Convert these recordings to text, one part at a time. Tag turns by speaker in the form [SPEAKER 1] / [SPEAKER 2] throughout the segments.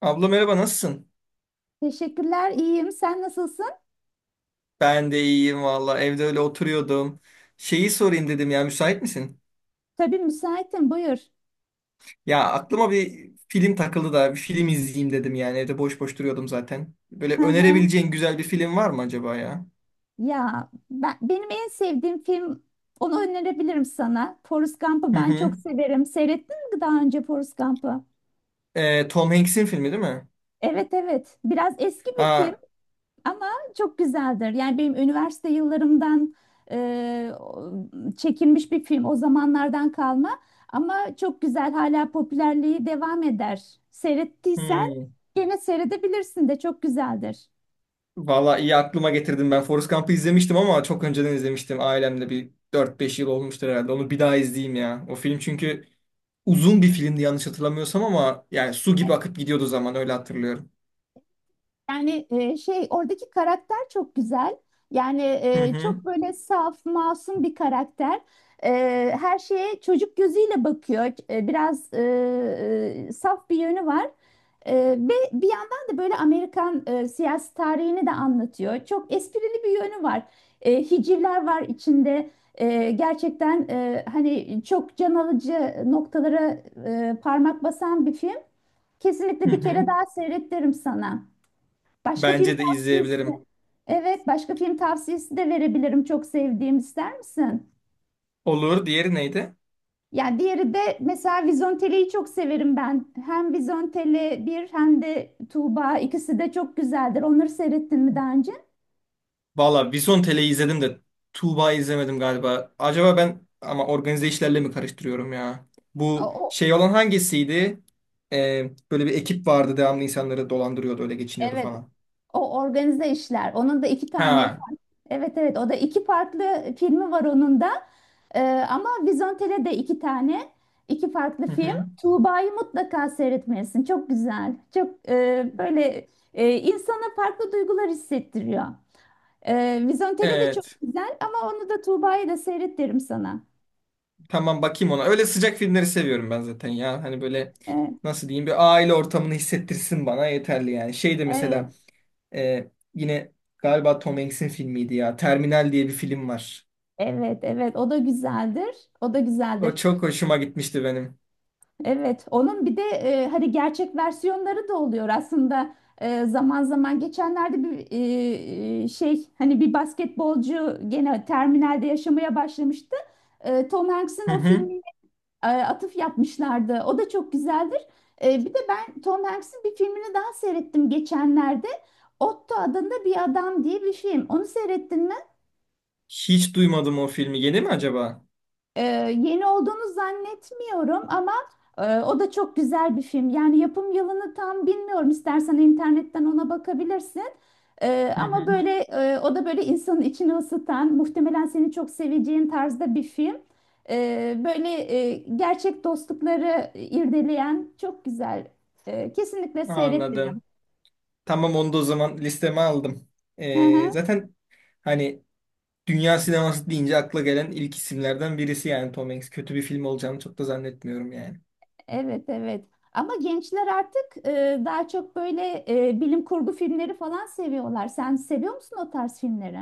[SPEAKER 1] Abla, merhaba, nasılsın?
[SPEAKER 2] Teşekkürler, iyiyim. Sen nasılsın?
[SPEAKER 1] Ben de iyiyim valla, evde öyle oturuyordum. Şeyi sorayım dedim ya, müsait misin?
[SPEAKER 2] Tabii müsaitim, buyur.
[SPEAKER 1] Ya, aklıma bir film takıldı da bir film izleyeyim dedim, yani evde boş boş duruyordum zaten. Böyle
[SPEAKER 2] Hı hı.
[SPEAKER 1] önerebileceğin güzel bir film var mı acaba ya?
[SPEAKER 2] Ya benim en sevdiğim film, onu önerebilirim sana. Forrest Gump'ı
[SPEAKER 1] Hı
[SPEAKER 2] ben çok
[SPEAKER 1] hı.
[SPEAKER 2] severim. Seyrettin mi daha önce Forrest Gump'ı?
[SPEAKER 1] Tom Hanks'in filmi değil mi?
[SPEAKER 2] Evet, evet. Biraz eski bir film
[SPEAKER 1] Ha,
[SPEAKER 2] ama çok güzeldir. Yani benim üniversite yıllarımdan e, o- çekilmiş bir film. O zamanlardan kalma. Ama çok güzel. Hala popülerliği devam eder. Seyrettiysen
[SPEAKER 1] hmm.
[SPEAKER 2] gene seyredebilirsin de çok güzeldir.
[SPEAKER 1] Valla, iyi aklıma getirdim, ben Forrest Gump'ı izlemiştim ama çok önceden izlemiştim ailemle, bir dört beş yıl olmuştur herhalde, onu bir daha izleyeyim ya. O film çünkü uzun bir filmdi yanlış hatırlamıyorsam, ama yani su gibi akıp gidiyordu zaman, öyle hatırlıyorum.
[SPEAKER 2] Yani şey oradaki karakter çok güzel. Yani
[SPEAKER 1] Hı hı,
[SPEAKER 2] çok böyle saf, masum bir karakter. E, Her şeye çocuk gözüyle bakıyor. Biraz saf bir yönü var. Ve bir yandan da böyle Amerikan siyasi tarihini de anlatıyor. Çok esprili bir yönü var. Hicivler var içinde. Gerçekten hani çok can alıcı noktalara parmak basan bir film.
[SPEAKER 1] hı
[SPEAKER 2] Kesinlikle bir
[SPEAKER 1] hı.
[SPEAKER 2] kere daha seyrettiririm sana. Başka film
[SPEAKER 1] Bence de
[SPEAKER 2] tavsiyesi.
[SPEAKER 1] izleyebilirim.
[SPEAKER 2] Evet, başka film tavsiyesi de verebilirim. Çok sevdiğim, ister misin?
[SPEAKER 1] Olur. Diğeri neydi?
[SPEAKER 2] Yani diğeri de mesela Vizontele'yi çok severim ben. Hem Vizontele bir hem de Tuğba, ikisi de çok güzeldir. Onları seyrettin mi daha önce?
[SPEAKER 1] Valla, Vizontele'yi izledim de Tuğba'yı izlemedim galiba. Acaba ben ama organize işlerle mi karıştırıyorum ya?
[SPEAKER 2] O,
[SPEAKER 1] Bu
[SPEAKER 2] o-
[SPEAKER 1] şey olan hangisiydi? Böyle bir ekip vardı, devamlı insanları dolandırıyordu, öyle geçiniyordu
[SPEAKER 2] evet.
[SPEAKER 1] falan.
[SPEAKER 2] O organize işler. Onun da iki tane
[SPEAKER 1] Ha.
[SPEAKER 2] farklı. Evet, evet, o da iki farklı filmi var onun da. Ee, Ama Vizontele de iki tane. İki farklı
[SPEAKER 1] Hı
[SPEAKER 2] film.
[SPEAKER 1] hı.
[SPEAKER 2] Tuğba'yı mutlaka seyretmelisin. Çok güzel. Çok böyle insana farklı duygular hissettiriyor. Vizontele de çok
[SPEAKER 1] Evet.
[SPEAKER 2] güzel, ama onu da Tuğba'yı da seyret derim sana.
[SPEAKER 1] Tamam, bakayım ona. Öyle sıcak filmleri seviyorum ben zaten ya. Hani böyle,
[SPEAKER 2] Evet,
[SPEAKER 1] nasıl diyeyim, bir aile ortamını hissettirsin bana, yeterli yani. Şey de
[SPEAKER 2] evet,
[SPEAKER 1] mesela yine galiba Tom Hanks'in filmiydi ya. Terminal diye bir film var.
[SPEAKER 2] evet, evet. O da güzeldir. O da
[SPEAKER 1] O
[SPEAKER 2] güzeldir.
[SPEAKER 1] çok hoşuma gitmişti benim.
[SPEAKER 2] Evet, onun bir de hani gerçek versiyonları da oluyor aslında. Zaman zaman geçenlerde bir şey, hani bir basketbolcu gene terminalde yaşamaya başlamıştı. Tom Hanks'in
[SPEAKER 1] Hı
[SPEAKER 2] o
[SPEAKER 1] hı.
[SPEAKER 2] filmine atıf yapmışlardı. O da çok güzeldir. Bir de ben Tom Hanks'in bir filmini daha seyrettim geçenlerde. Otto adında bir adam diye bir film. Onu seyrettin mi?
[SPEAKER 1] Hiç duymadım o filmi. Yeni mi acaba?
[SPEAKER 2] Ee, Yeni olduğunu zannetmiyorum ama o da çok güzel bir film. Yani yapım yılını tam bilmiyorum. İstersen internetten ona bakabilirsin.
[SPEAKER 1] Hı
[SPEAKER 2] Ama
[SPEAKER 1] hı.
[SPEAKER 2] böyle o da böyle insanın içini ısıtan, muhtemelen seni çok seveceğin tarzda bir film. Böyle gerçek dostlukları irdeleyen, çok güzel. Kesinlikle seyret derim.
[SPEAKER 1] Anladım. Tamam, onu da o zaman listeme aldım.
[SPEAKER 2] Hı hı.
[SPEAKER 1] Zaten hani dünya sineması deyince akla gelen ilk isimlerden birisi yani Tom Hanks. Kötü bir film olacağını çok da zannetmiyorum yani.
[SPEAKER 2] Evet, evet. Ama gençler artık daha çok böyle bilim kurgu filmleri falan seviyorlar. Sen seviyor musun o tarz filmleri?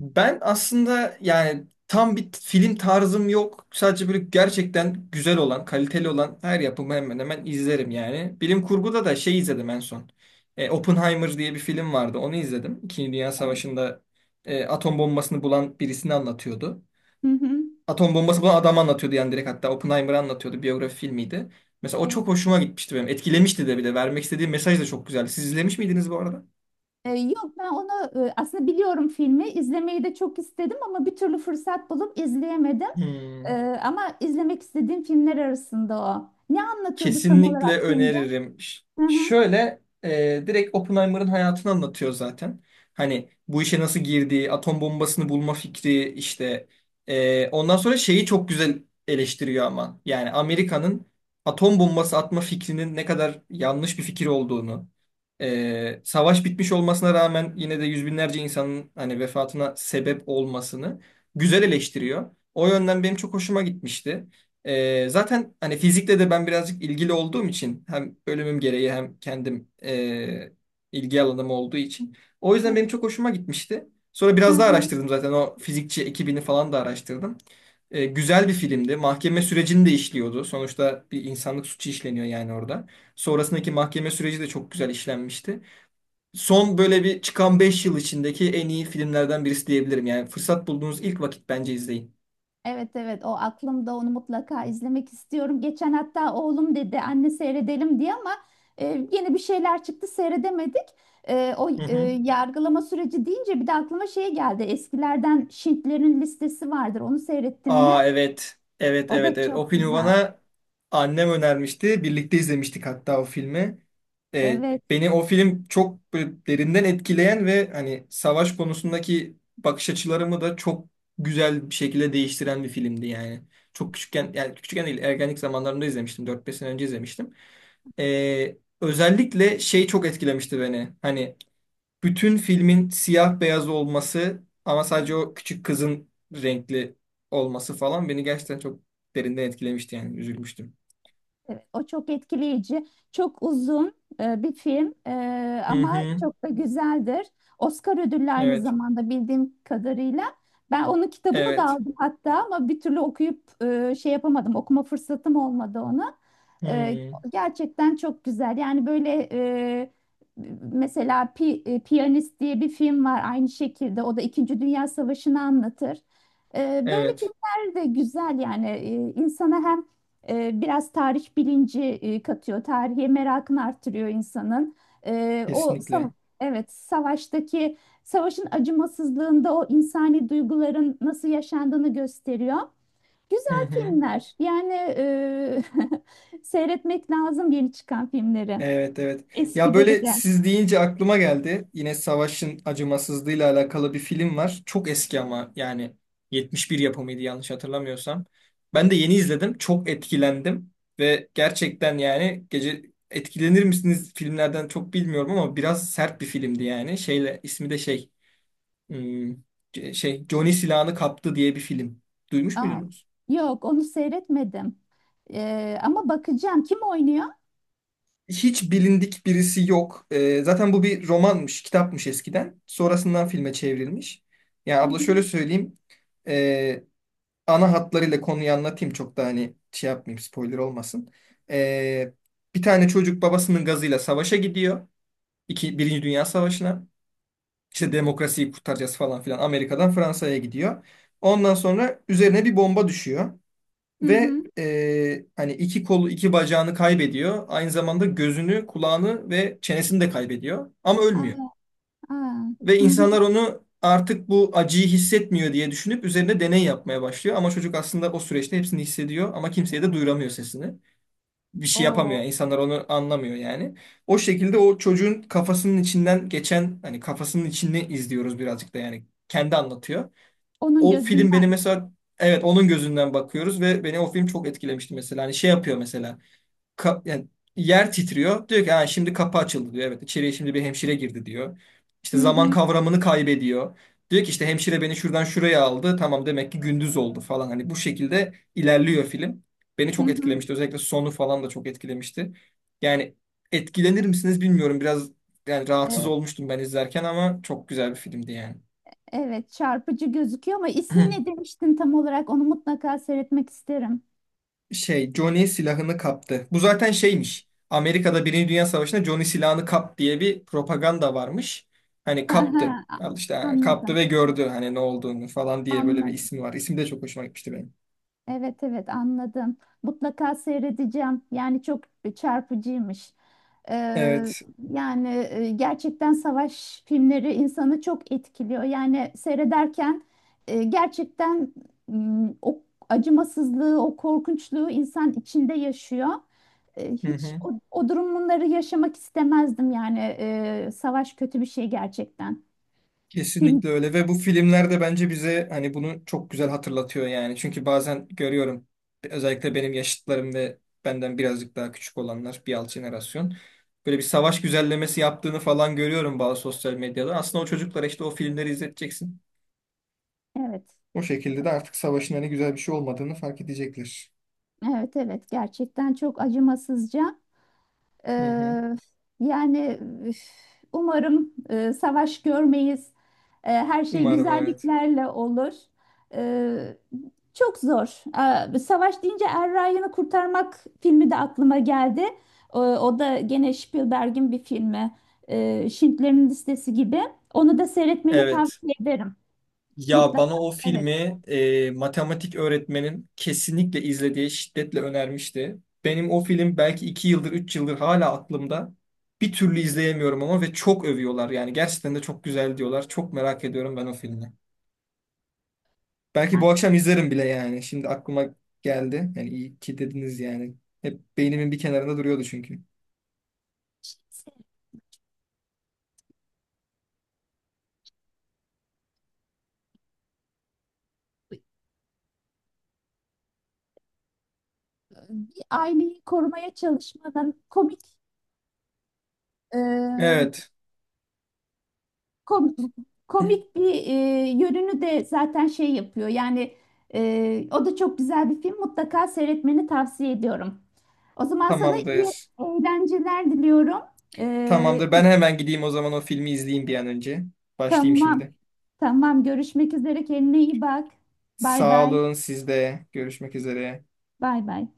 [SPEAKER 1] Ben aslında yani tam bir film tarzım yok. Sadece böyle gerçekten güzel olan, kaliteli olan her yapımı hemen hemen izlerim yani. Bilim kurguda da şey izledim en son. Oppenheimer diye bir film vardı. Onu izledim. İkinci Dünya
[SPEAKER 2] Evet.
[SPEAKER 1] Savaşı'nda atom bombasını bulan birisini anlatıyordu.
[SPEAKER 2] Hı hı.
[SPEAKER 1] Atom bombası bulan adamı anlatıyordu yani, direkt hatta Oppenheimer'ı anlatıyordu. Biyografi filmiydi. Mesela o
[SPEAKER 2] Evet.
[SPEAKER 1] çok hoşuma gitmişti benim. Etkilemişti de bir de. Vermek istediği mesaj da çok güzeldi. Siz izlemiş miydiniz bu arada?
[SPEAKER 2] Yok, ben onu aslında biliyorum filmi. İzlemeyi de çok istedim ama bir türlü fırsat bulup izleyemedim.
[SPEAKER 1] Hmm.
[SPEAKER 2] Ama izlemek istediğim filmler arasında o. Ne anlatıyordu tam
[SPEAKER 1] Kesinlikle
[SPEAKER 2] olarak filmde?
[SPEAKER 1] öneririm.
[SPEAKER 2] Hı hı.
[SPEAKER 1] Şöyle direkt Oppenheimer'ın hayatını anlatıyor zaten. Hani bu işe nasıl girdiği, atom bombasını bulma fikri işte. Ondan sonra şeyi çok güzel eleştiriyor ama. Yani Amerika'nın atom bombası atma fikrinin ne kadar yanlış bir fikir olduğunu, savaş bitmiş olmasına rağmen yine de yüz binlerce insanın hani vefatına sebep olmasını güzel eleştiriyor. O yönden benim çok hoşuma gitmişti. Zaten hani fizikle de ben birazcık ilgili olduğum için, hem bölümüm gereği hem kendim ilgi alanım olduğu için. O yüzden benim
[SPEAKER 2] Evet.
[SPEAKER 1] çok hoşuma gitmişti. Sonra
[SPEAKER 2] Hı
[SPEAKER 1] biraz daha
[SPEAKER 2] hı.
[SPEAKER 1] araştırdım, zaten o fizikçi ekibini falan da araştırdım. Güzel bir filmdi. Mahkeme sürecini de işliyordu. Sonuçta bir insanlık suçu işleniyor yani orada. Sonrasındaki mahkeme süreci de çok güzel işlenmişti. Son böyle bir çıkan 5 yıl içindeki en iyi filmlerden birisi diyebilirim. Yani fırsat bulduğunuz ilk vakit bence izleyin.
[SPEAKER 2] Evet, evet, o aklımda, onu mutlaka izlemek istiyorum. Geçen hatta oğlum dedi "anne seyredelim" diye ama e, yeni bir şeyler çıktı, seyredemedik. O
[SPEAKER 1] Hı hı.
[SPEAKER 2] yargılama süreci deyince bir de aklıma şey geldi. Eskilerden Schindler'in Listesi vardır. Onu seyrettin mi?
[SPEAKER 1] Aa, evet. Evet,
[SPEAKER 2] O
[SPEAKER 1] evet,
[SPEAKER 2] da
[SPEAKER 1] evet. O
[SPEAKER 2] çok
[SPEAKER 1] filmi
[SPEAKER 2] güzel.
[SPEAKER 1] bana annem önermişti. Birlikte izlemiştik hatta o filmi. Ee,
[SPEAKER 2] Evet.
[SPEAKER 1] Beni o film çok böyle derinden etkileyen ve hani savaş konusundaki bakış açılarımı da çok güzel bir şekilde değiştiren bir filmdi yani. Çok küçükken, yani küçükken değil, ergenlik zamanlarında izlemiştim. Dört beş sene önce izlemiştim. Özellikle şey çok etkilemişti beni. Hani bütün filmin siyah beyaz olması ama sadece o küçük kızın renkli olması falan beni gerçekten çok derinden etkilemişti, yani üzülmüştüm.
[SPEAKER 2] Evet, o çok etkileyici. Çok uzun bir film
[SPEAKER 1] Hı
[SPEAKER 2] ama
[SPEAKER 1] hı.
[SPEAKER 2] çok da güzeldir. Oscar ödüllü aynı
[SPEAKER 1] Evet.
[SPEAKER 2] zamanda, bildiğim kadarıyla. Ben onun kitabını da
[SPEAKER 1] Evet.
[SPEAKER 2] aldım hatta ama bir türlü okuyup şey yapamadım. Okuma fırsatım olmadı onu. E,
[SPEAKER 1] Hı.
[SPEAKER 2] Gerçekten çok güzel. Yani böyle mesela Piyanist diye bir film var aynı şekilde. O da İkinci Dünya Savaşı'nı anlatır. Böyle
[SPEAKER 1] Evet.
[SPEAKER 2] filmler de güzel yani. İnsana hem biraz tarih bilinci katıyor, tarihe merakını artırıyor insanın. E, o sa-
[SPEAKER 1] Kesinlikle.
[SPEAKER 2] evet, savaşın acımasızlığında o insani duyguların nasıl yaşandığını gösteriyor.
[SPEAKER 1] Hı
[SPEAKER 2] Güzel
[SPEAKER 1] hı.
[SPEAKER 2] filmler. Yani seyretmek lazım yeni çıkan filmleri,
[SPEAKER 1] Evet, evet. Ya
[SPEAKER 2] eskileri
[SPEAKER 1] böyle,
[SPEAKER 2] de.
[SPEAKER 1] siz deyince aklıma geldi. Yine Savaş'ın acımasızlığıyla alakalı bir film var. Çok eski ama yani 71 yapımıydı yanlış hatırlamıyorsam. Ben de yeni izledim. Çok etkilendim ve gerçekten yani gece etkilenir misiniz filmlerden çok bilmiyorum ama biraz sert bir filmdi yani. Şeyle ismi de şey hmm, şey Johnny silahını kaptı diye bir film. Duymuş
[SPEAKER 2] Aa,
[SPEAKER 1] muydunuz?
[SPEAKER 2] yok, onu seyretmedim. Ama bakacağım. Kim oynuyor?
[SPEAKER 1] Hiç bilindik birisi yok. Zaten bu bir romanmış, kitapmış eskiden. Sonrasından filme çevrilmiş. Yani
[SPEAKER 2] Hı
[SPEAKER 1] abla, şöyle
[SPEAKER 2] hı,
[SPEAKER 1] söyleyeyim. Ee, Ana hatlarıyla konuyu anlatayım. Çok da hani şey yapmayayım, spoiler olmasın. Ee, Bir tane çocuk babasının gazıyla savaşa gidiyor. İki, Birinci Dünya Savaşı'na. İşte demokrasiyi kurtaracağız falan filan. Amerika'dan Fransa'ya gidiyor. Ondan sonra üzerine bir bomba düşüyor.
[SPEAKER 2] hı
[SPEAKER 1] Ve
[SPEAKER 2] hı.
[SPEAKER 1] hani iki kolu, iki bacağını kaybediyor. Aynı zamanda gözünü, kulağını ve çenesini de kaybediyor. Ama ölmüyor.
[SPEAKER 2] Aa, aa,
[SPEAKER 1] Ve
[SPEAKER 2] hı hı.
[SPEAKER 1] insanlar onu artık bu acıyı hissetmiyor diye düşünüp üzerine deney yapmaya başlıyor. Ama çocuk aslında o süreçte hepsini hissediyor ama kimseye de duyuramıyor sesini. Bir şey yapamıyor
[SPEAKER 2] O,
[SPEAKER 1] yani. İnsanlar onu anlamıyor yani. O şekilde o çocuğun kafasının içinden geçen, hani kafasının içini izliyoruz birazcık da yani. Kendi anlatıyor
[SPEAKER 2] onun
[SPEAKER 1] o film beni
[SPEAKER 2] gözünden.
[SPEAKER 1] mesela, evet onun gözünden bakıyoruz ve beni o film çok etkilemişti mesela. Hani şey yapıyor mesela, yani yer titriyor. Diyor ki, ha, şimdi kapı açıldı, diyor. Evet, içeriye şimdi bir hemşire girdi, diyor.
[SPEAKER 2] Hı
[SPEAKER 1] İşte zaman
[SPEAKER 2] hı,
[SPEAKER 1] kavramını kaybediyor. Diyor ki, işte hemşire beni şuradan şuraya aldı. Tamam, demek ki gündüz oldu falan. Hani bu şekilde ilerliyor film. Beni
[SPEAKER 2] hı
[SPEAKER 1] çok
[SPEAKER 2] hı.
[SPEAKER 1] etkilemişti. Özellikle sonu falan da çok etkilemişti. Yani etkilenir misiniz bilmiyorum. Biraz yani rahatsız
[SPEAKER 2] Ee,
[SPEAKER 1] olmuştum ben izlerken ama çok güzel bir filmdi yani.
[SPEAKER 2] evet, çarpıcı gözüküyor ama ismi ne demiştin tam olarak? Onu mutlaka seyretmek isterim.
[SPEAKER 1] Şey Johnny silahını kaptı. Bu zaten şeymiş. Amerika'da Birinci Dünya Savaşı'nda Johnny silahını kap diye bir propaganda varmış. Hani
[SPEAKER 2] Hı hı,
[SPEAKER 1] kaptı.
[SPEAKER 2] a-
[SPEAKER 1] Al işte, ha, kaptı
[SPEAKER 2] anladım.
[SPEAKER 1] ve gördü hani ne olduğunu falan diye böyle bir
[SPEAKER 2] Anladım.
[SPEAKER 1] ismi var. İsim de çok hoşuma gitmişti benim.
[SPEAKER 2] Evet, evet, anladım. Mutlaka seyredeceğim. Yani çok çarpıcıymış. Eee,
[SPEAKER 1] Evet.
[SPEAKER 2] Yani gerçekten savaş filmleri insanı çok etkiliyor. Yani seyrederken gerçekten o acımasızlığı, o korkunçluğu insan içinde yaşıyor.
[SPEAKER 1] Hı
[SPEAKER 2] Hiç
[SPEAKER 1] hı.
[SPEAKER 2] o durumları yaşamak istemezdim yani. Savaş kötü bir şey gerçekten. Kim?
[SPEAKER 1] Kesinlikle öyle ve bu filmler de bence bize hani bunu çok güzel hatırlatıyor yani. Çünkü bazen görüyorum, özellikle benim yaşıtlarım ve benden birazcık daha küçük olanlar, bir alt jenerasyon, böyle bir savaş güzellemesi yaptığını falan görüyorum bazı sosyal medyada. Aslında o çocuklara işte o filmleri izleteceksin.
[SPEAKER 2] Evet.
[SPEAKER 1] O şekilde de artık savaşın hani güzel bir şey olmadığını fark edecekler.
[SPEAKER 2] Evet, evet, gerçekten çok acımasızca.
[SPEAKER 1] Hı hı.
[SPEAKER 2] Eee, Yani, üf, umarım savaş görmeyiz. Her şey
[SPEAKER 1] Umarım, evet.
[SPEAKER 2] güzelliklerle olur. E, Çok zor. Savaş deyince Er Ryan'ı Kurtarmak filmi de aklıma geldi. O da gene Spielberg'in bir filmi. Schindler'in Listesi gibi. Onu da seyretmeni
[SPEAKER 1] Evet.
[SPEAKER 2] tavsiye ederim.
[SPEAKER 1] Ya
[SPEAKER 2] Mutlaka
[SPEAKER 1] bana o
[SPEAKER 2] seyret.
[SPEAKER 1] filmi matematik öğretmenim kesinlikle izle diye şiddetle önermişti. Benim o film belki 2 yıldır, 3 yıldır hala aklımda. Bir türlü izleyemiyorum ama ve çok övüyorlar yani, gerçekten de çok güzel diyorlar. Çok merak ediyorum ben o filmi. Belki
[SPEAKER 2] Yani
[SPEAKER 1] bu akşam izlerim bile yani. Şimdi aklıma geldi. Yani iyi ki dediniz yani. Hep beynimin bir kenarında duruyordu çünkü.
[SPEAKER 2] aileyi korumaya çalışmanın
[SPEAKER 1] Evet,
[SPEAKER 2] Kom- komik bir yönünü de zaten şey yapıyor. Yani o da çok güzel bir film. Mutlaka seyretmeni tavsiye ediyorum. O zaman sana iyi
[SPEAKER 1] tamamdır.
[SPEAKER 2] eğlenceler diliyorum. E,
[SPEAKER 1] Tamamdır. Ben hemen gideyim o zaman, o filmi izleyeyim bir an önce. Başlayayım
[SPEAKER 2] tamam.
[SPEAKER 1] şimdi.
[SPEAKER 2] Tamam. Görüşmek üzere. Kendine iyi bak. Bay
[SPEAKER 1] Sağ
[SPEAKER 2] bay.
[SPEAKER 1] olun siz de. Görüşmek üzere.
[SPEAKER 2] Bay bay.